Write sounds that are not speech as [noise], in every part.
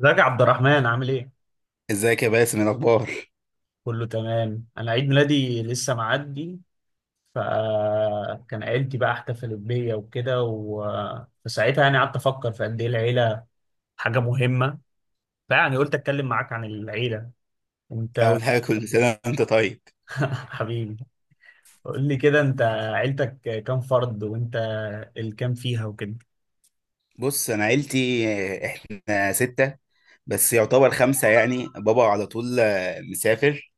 ازيك يا عبد الرحمن عامل ايه؟ ازيك يا باسم؟ إيه الاخبار؟ كله تمام، انا عيد ميلادي لسه معدي. فكان عيلتي بقى احتفلت بيا وكده. فساعتها يعني قعدت افكر في قد ايه العيله حاجه مهمه. فيعني قلت اتكلم معاك عن العيله انت اول حاجه، كل سنه وانت طيب. [laughs] حبيبي. قول لي كده انت، عيلتك كام فرد، وانت الكام فيها وكده؟ بص انا عيلتي، احنا سته، بس يعتبر خمسه. يعني بابا على طول مسافر،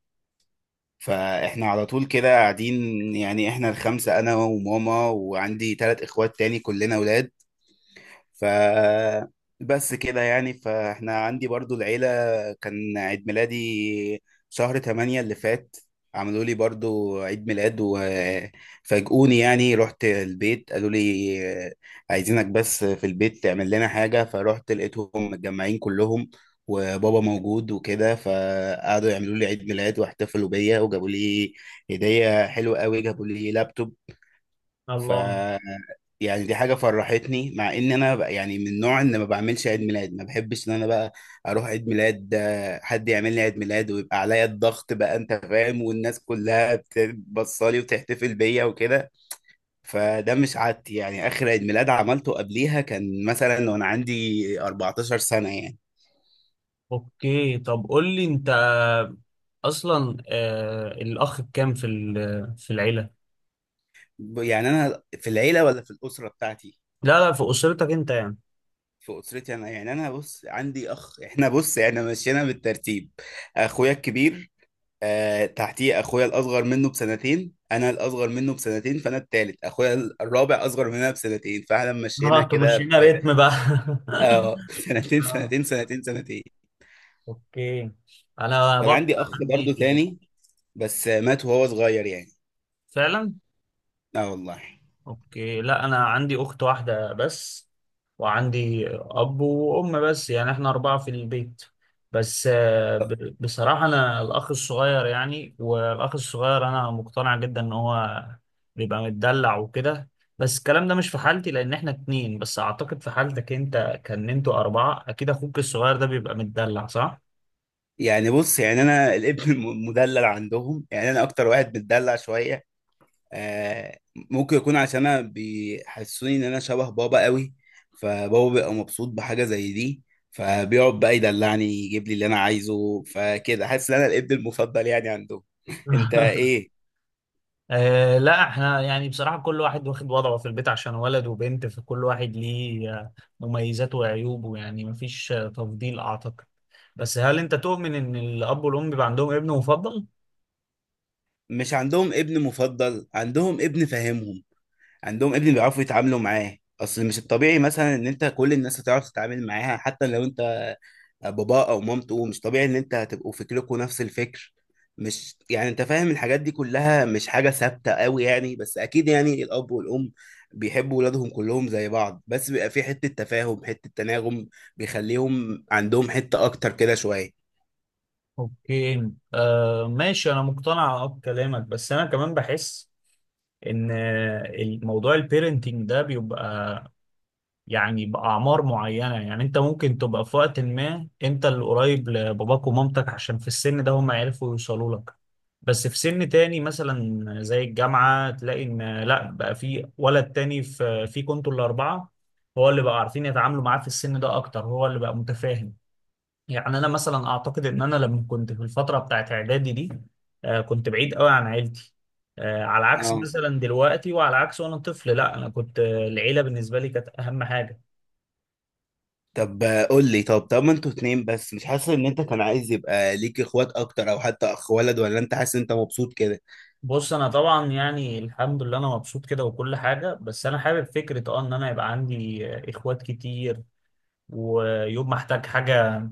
فاحنا على طول كده قاعدين. يعني احنا الخمسه انا وماما، وعندي 3 اخوات تاني كلنا اولاد. ف بس كده يعني، فاحنا عندي برضو العيلة. كان عيد ميلادي شهر 8 اللي فات، عملوا لي برضو عيد ميلاد وفاجئوني. يعني رحت البيت قالوا لي عايزينك بس في البيت تعمل لنا حاجة، فرحت لقيتهم متجمعين كلهم وبابا موجود وكده، فقعدوا يعملوا لي عيد ميلاد واحتفلوا بيا، وجابوا لي هدية حلوة قوي، جابوا لي لابتوب. ف الله. يعني دي حاجة فرحتني، مع ان انا بقى يعني من النوع ان ما بعملش عيد ميلاد، ما بحبش ان انا بقى اروح عيد ميلاد، حد يعمل لي عيد ميلاد ويبقى عليا الضغط بقى، انت فاهم، والناس كلها بتبصلي وتحتفل بيا وكده. فده مش عادتي، يعني اخر عيد ميلاد عملته قبليها كان مثلا وانا عندي 14 سنة يعني. اوكي، طب قول لي انت اصلا، الاخ بكام في العيله؟ يعني انا في العيلة ولا في الأسرة بتاعتي؟ لا، لا، في اسرتك انت يعني. في أسرتي انا، يعني انا بص عندي اخ، احنا بص احنا مشينا بالترتيب. اخويا الكبير، آه، تحتيه اخويا الاصغر منه بسنتين، انا الاصغر منه بسنتين فانا التالت، اخويا الرابع اصغر مننا بسنتين، فاحنا مشينا اه، كده ب... تمشينا ريتم بقى. اه [laughs] [laughs] سنتين اه. سنتين سنتين سنتين. اوكي. انا كان برضه عندي اخ برضو عندي. تاني، بس مات وهو صغير يعني. فعلا. اه والله. اوكي، لا انا عندي اخت واحده بس، وعندي اب وام، بس يعني احنا اربعه في البيت. بس بصراحه انا الاخ الصغير، يعني والاخ الصغير انا مقتنع جدا ان هو بيبقى متدلع وكده. بس الكلام ده مش في حالتي لان احنا اتنين بس، اعتقد في حالتك انت كان انتوا اربعه، اكيد اخوك الصغير ده بيبقى متدلع، صح؟ يعني بص، يعني انا الابن [laughs] المدلل عندهم، يعني انا اكتر واحد متدلع شويه. آه، ممكن يكون عشان انا بيحسسوني ان انا شبه بابا قوي، فبابا بيبقى مبسوط بحاجه زي دي، فبيقعد بقى يدلعني، يجيب لي اللي انا عايزه، فكده حاسس ان انا الابن المفضل يعني عندهم. [laughs] انت [laughs] ايه؟ آه، لا احنا يعني بصراحة كل واحد واخد وضعه في البيت عشان ولد وبنت، فكل واحد ليه مميزاته وعيوبه، يعني مفيش تفضيل أعتقد. بس هل أنت تؤمن إن الأب والأم بيبقى عندهم ابن مفضل؟ مش عندهم ابن مفضل، عندهم ابن فاهمهم، عندهم ابن بيعرفوا يتعاملوا معاه. اصل مش الطبيعي مثلا ان انت كل الناس هتعرف تتعامل معاها، حتى لو انت باباه او مامته، مش طبيعي ان انت هتبقوا فكركم نفس الفكر. مش يعني انت فاهم الحاجات دي كلها مش حاجة ثابتة قوي يعني. بس اكيد يعني الاب والام بيحبوا ولادهم كلهم زي بعض، بس بيبقى في حتة تفاهم، حتة تناغم بيخليهم عندهم حتة اكتر كده شوية. اوكي، ماشي، أنا مقتنع بكلامك، بس أنا كمان بحس إن الموضوع البيرنتينج ده بيبقى يعني بأعمار معينة، يعني أنت ممكن تبقى في وقت ما أنت اللي قريب لباباك ومامتك عشان في السن ده هم يعرفوا يوصلوا لك. بس في سن تاني مثلا زي الجامعة تلاقي إن لأ، بقى في ولد تاني في كنتوا الأربعة، هو اللي بقى عارفين يتعاملوا معاه في السن ده أكتر، هو اللي بقى متفاهم. يعني أنا مثلا أعتقد إن أنا لما كنت في الفترة بتاعت إعدادي دي، كنت بعيد قوي عن عيلتي. على عكس اه، مثلا دلوقتي، وعلى عكس وأنا طفل، لأ أنا كنت، العيلة بالنسبة لي كانت أهم حاجة. طب قول لي، طب ما انتوا اتنين بس، مش حاسس ان انت كان عايز يبقى ليك اخوات اكتر، او حتى اخ ولد؟ ولا انت حاسس ان انت مبسوط كده؟ بص انا طبعا يعني الحمد لله انا مبسوط كده وكل حاجه، بس انا حابب فكره ان انا يبقى عندي اخوات كتير. ويوم ما احتاج حاجه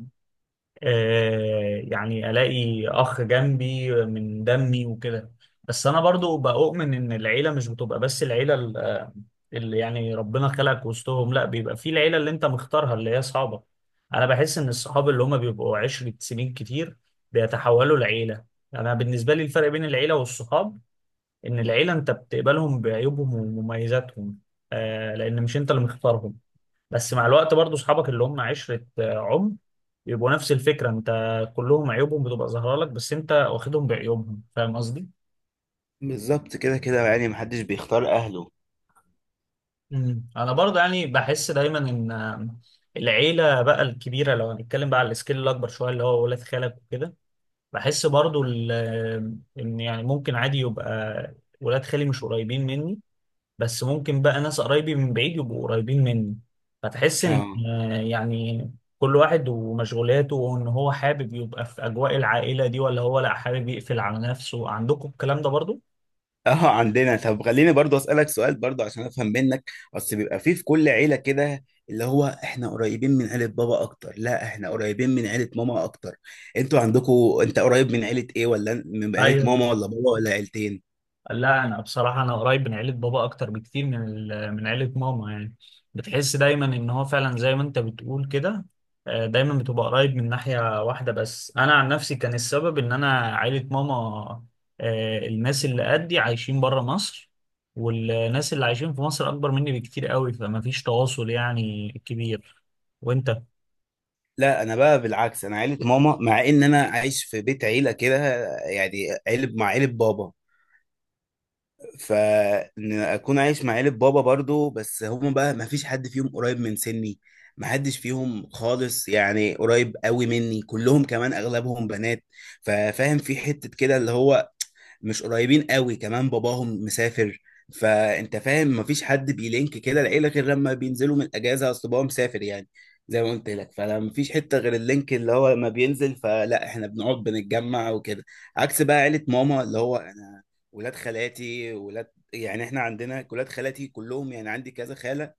يعني الاقي اخ جنبي من دمي وكده. بس انا برضو بؤمن ان العيله مش بتبقى بس العيله اللي يعني ربنا خلقك وسطهم، لا، بيبقى في العيله اللي انت مختارها، اللي هي اصحابك. انا بحس ان الصحاب اللي هم بيبقوا 10 سنين كتير بيتحولوا لعيله. انا بالنسبه لي الفرق بين العيله والصحاب ان العيله انت بتقبلهم بعيوبهم ومميزاتهم، لان مش انت اللي مختارهم. بس مع الوقت برضو اصحابك اللي هم عشره عمر يبقوا نفس الفكره انت، كلهم عيوبهم بتبقى ظاهره لك، بس انت واخدهم بعيوبهم، فاهم قصدي؟ بالظبط كده كده، يعني محدش بيختار اهله. انا برضو يعني بحس دايما ان العيله بقى الكبيره، لو هنتكلم بقى على السكيل الاكبر شويه اللي هو ولاد خالك وكده. بحس برضو ان يعني ممكن عادي يبقى ولاد خالي مش قريبين مني، بس ممكن بقى ناس قرايبي من بعيد يبقوا قريبين مني. فتحس ان اه. يعني كل واحد ومشغولاته، وان هو حابب يبقى في اجواء العائله دي ولا هو، لا حابب يقفل على نفسه. عندكم الكلام ده برضو؟ اه، عندنا. طب خليني برضو اسالك سؤال برضو عشان افهم منك، اصل بيبقى فيه في كل عيله كده اللي هو احنا قريبين من عيله بابا اكتر، لا احنا قريبين من عيله ماما اكتر. انتوا عندكم، انت قريب من عيله ايه؟ ولا من عيله ايوه. ماما ولا بابا ولا عيلتين؟ لا انا بصراحه، انا قريب من عيله بابا اكتر بكتير من من عيله ماما يعني. بتحس دايما ان هو فعلا زي ما انت بتقول كده، دايما بتبقى قريب من ناحيه واحده. بس انا عن نفسي كان السبب ان انا عيله ماما، الناس اللي قدي عايشين بره مصر، والناس اللي عايشين في مصر اكبر مني بكتير قوي، فما فيش تواصل يعني كبير. وانت؟ لا، انا بقى بالعكس، انا عيله ماما، مع ان انا عايش في بيت عيله كده، يعني عيله مع عيله بابا. فان اكون عايش مع عيلة بابا برضو، بس هم بقى ما فيش حد فيهم قريب من سني، ما حدش فيهم خالص يعني قريب قوي مني، كلهم كمان اغلبهم بنات. ففاهم في حتة كده اللي هو مش قريبين قوي، كمان باباهم مسافر، فانت فاهم ما فيش حد بيلينك كده العيلة غير لما بينزلوا من الاجازة. اصل بابا مسافر يعني، زي ما قلت لك، فلا مفيش حتة غير اللينك اللي هو لما بينزل، فلا احنا بنقعد بنتجمع وكده. عكس بقى عيلة ماما، اللي هو ولاد خالاتي، ولاد. يعني احنا عندنا ولاد خالاتي كلهم، يعني عندي كذا خالة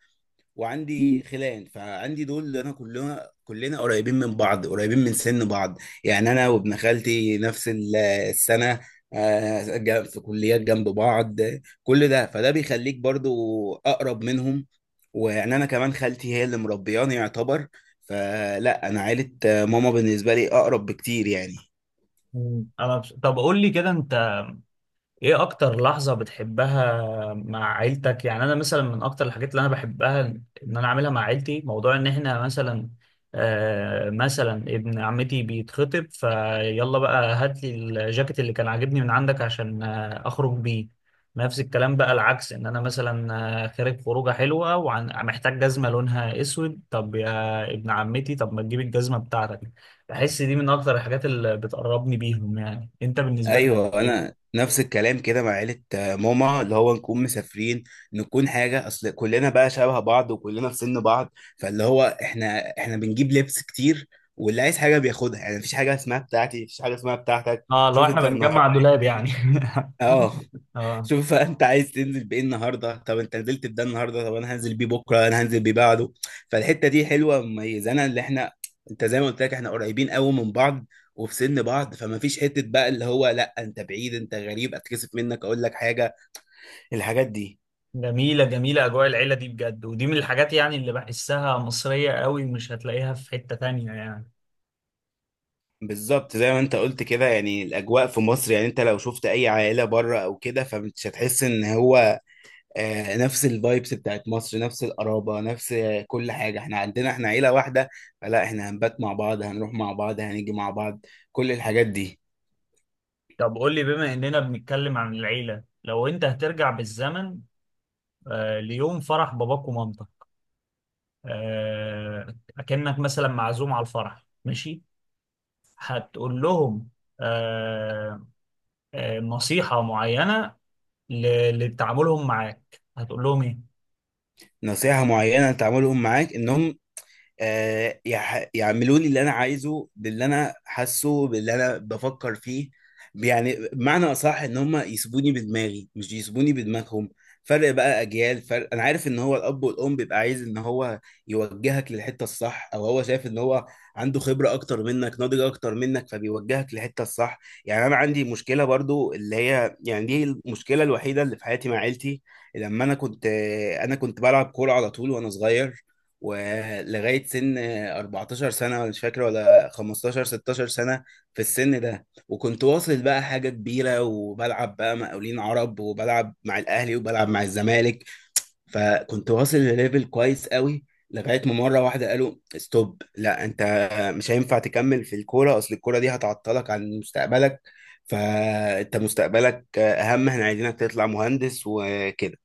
وعندي خلان، فعندي دول اللي انا كلنا قريبين من بعض، قريبين من سن بعض. يعني انا وابن خالتي نفس السنة، في كليات جنب بعض، كل ده فده بيخليك برضو اقرب منهم. ويعني انا كمان خالتي هي اللي مربياني يعتبر، فلا انا عيلة ماما بالنسبة لي اقرب بكتير يعني. طب قول لي كده انت، ايه اكتر لحظة بتحبها مع عيلتك؟ يعني انا مثلا من اكتر الحاجات اللي انا بحبها ان انا اعملها مع عيلتي، موضوع ان احنا مثلا، مثلا ابن عمتي بيتخطب، فيلا بقى هات لي الجاكيت اللي كان عاجبني من عندك عشان اخرج بيه. نفس الكلام بقى العكس، ان انا مثلا خارج خروجه حلوه ومحتاج جزمه لونها اسود، طب يا ابن عمتي طب ما تجيب الجزمه بتاعتك. بحس دي من اكتر الحاجات اللي بتقربني بيهم، يعني انت بالنسبه لك ايوه، انا إيه؟ نفس الكلام كده مع عيله ماما، اللي هو نكون مسافرين، نكون حاجه، اصل كلنا بقى شبه بعض وكلنا في سن بعض، فاللي هو احنا بنجيب لبس كتير، واللي عايز حاجه بياخدها. يعني مفيش حاجه اسمها بتاعتي، مفيش حاجه اسمها بتاعتك. اه، لو شوف احنا انت النهارده. بنجمع دولاب يعني. [laughs] اه. [laughs] اه. شوف بقى انت عايز تنزل بايه النهارده، طب انت نزلت بده النهارده، طب انا هنزل بيه بكره، انا هنزل بيه بعده. فالحته دي حلوه مميزه، انا اللي احنا، انت زي ما قلت لك احنا قريبين قوي من بعض وفي سن بعض، فما فيش حته بقى اللي هو لا انت بعيد، انت غريب، اتكسف منك اقول لك حاجه، الحاجات دي. جميلة، جميلة أجواء العيلة دي بجد، ودي من الحاجات يعني اللي بحسها مصرية قوي، مش هتلاقيها في حتة تانية يعني. بالظبط زي ما انت قلت كده، يعني الاجواء في مصر. يعني انت لو شفت اي عائله بره او كده فمش هتحس ان هو نفس الفايبس بتاعت مصر، نفس القرابة، نفس كل حاجة. احنا عندنا احنا عيلة واحدة، فلا احنا هنبات مع بعض، هنروح مع بعض، هنيجي مع بعض، كل الحاجات دي. طب قول لي، بما إننا بنتكلم عن العيلة، لو أنت هترجع بالزمن ليوم فرح باباك ومامتك، أكنك مثلا معزوم على الفرح ماشي، هتقول لهم آه نصيحة معينة لتعاملهم معاك، هتقول لهم إيه؟ نصيحة معينة تعملهم معاك انهم يعملوا لي اللي انا عايزه، باللي انا حاسه، باللي انا بفكر فيه. يعني بمعنى اصح ان هم يسيبوني بدماغي مش يسيبوني بدماغهم، فرق بقى اجيال فرق. انا عارف ان هو الاب والام بيبقى عايز ان هو يوجهك للحته الصح، او هو شايف ان هو عنده خبره اكتر منك، ناضج اكتر منك، فبيوجهك للحته الصح. يعني انا عندي مشكله برضو اللي هي، يعني دي المشكله الوحيده اللي في حياتي مع عيلتي. لما انا كنت بلعب كوره على طول وانا صغير، ولغايه سن 14 سنه، ولا مش فاكر ولا 15 16 سنه. في السن ده وكنت واصل بقى حاجه كبيره، وبلعب بقى مقاولين عرب، وبلعب مع الاهلي، وبلعب مع الزمالك، فكنت واصل لليفل كويس قوي. لغايه ما مره واحده قالوا ستوب، لا انت مش هينفع تكمل في الكوره، اصل الكوره دي هتعطلك عن مستقبلك، فانت مستقبلك اهم، احنا عايزينك تطلع مهندس وكده.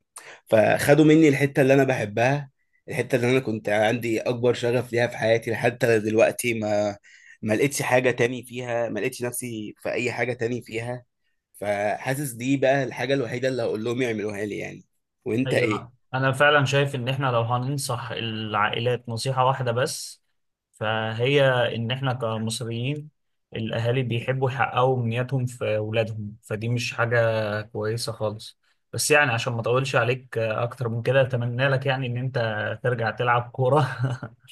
فخدوا مني الحتة اللي أنا بحبها، الحتة اللي أنا كنت عندي أكبر شغف ليها في حياتي، حتى دلوقتي ما لقيتش حاجة تاني فيها، ما لقيتش نفسي في أي حاجة تاني فيها. فحاسس دي بقى الحاجة الوحيدة اللي هقول لهم يعملوها لي يعني. وأنت إيه؟ ايوه، انا فعلا شايف ان احنا لو هننصح العائلات نصيحة واحدة بس، فهي ان احنا كمصريين الاهالي بيحبوا يحققوا امنياتهم في اولادهم، فدي مش حاجة كويسة خالص. بس يعني عشان ما اطولش عليك اكتر من كده، اتمنى لك يعني ان انت ترجع تلعب كورة.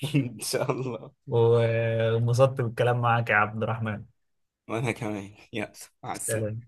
[laughs] إن شاء الله. [laughs] وانبسطت بالكلام معاك يا عبد الرحمن. وأنا كمان، يلا، مع السلامة. سلام.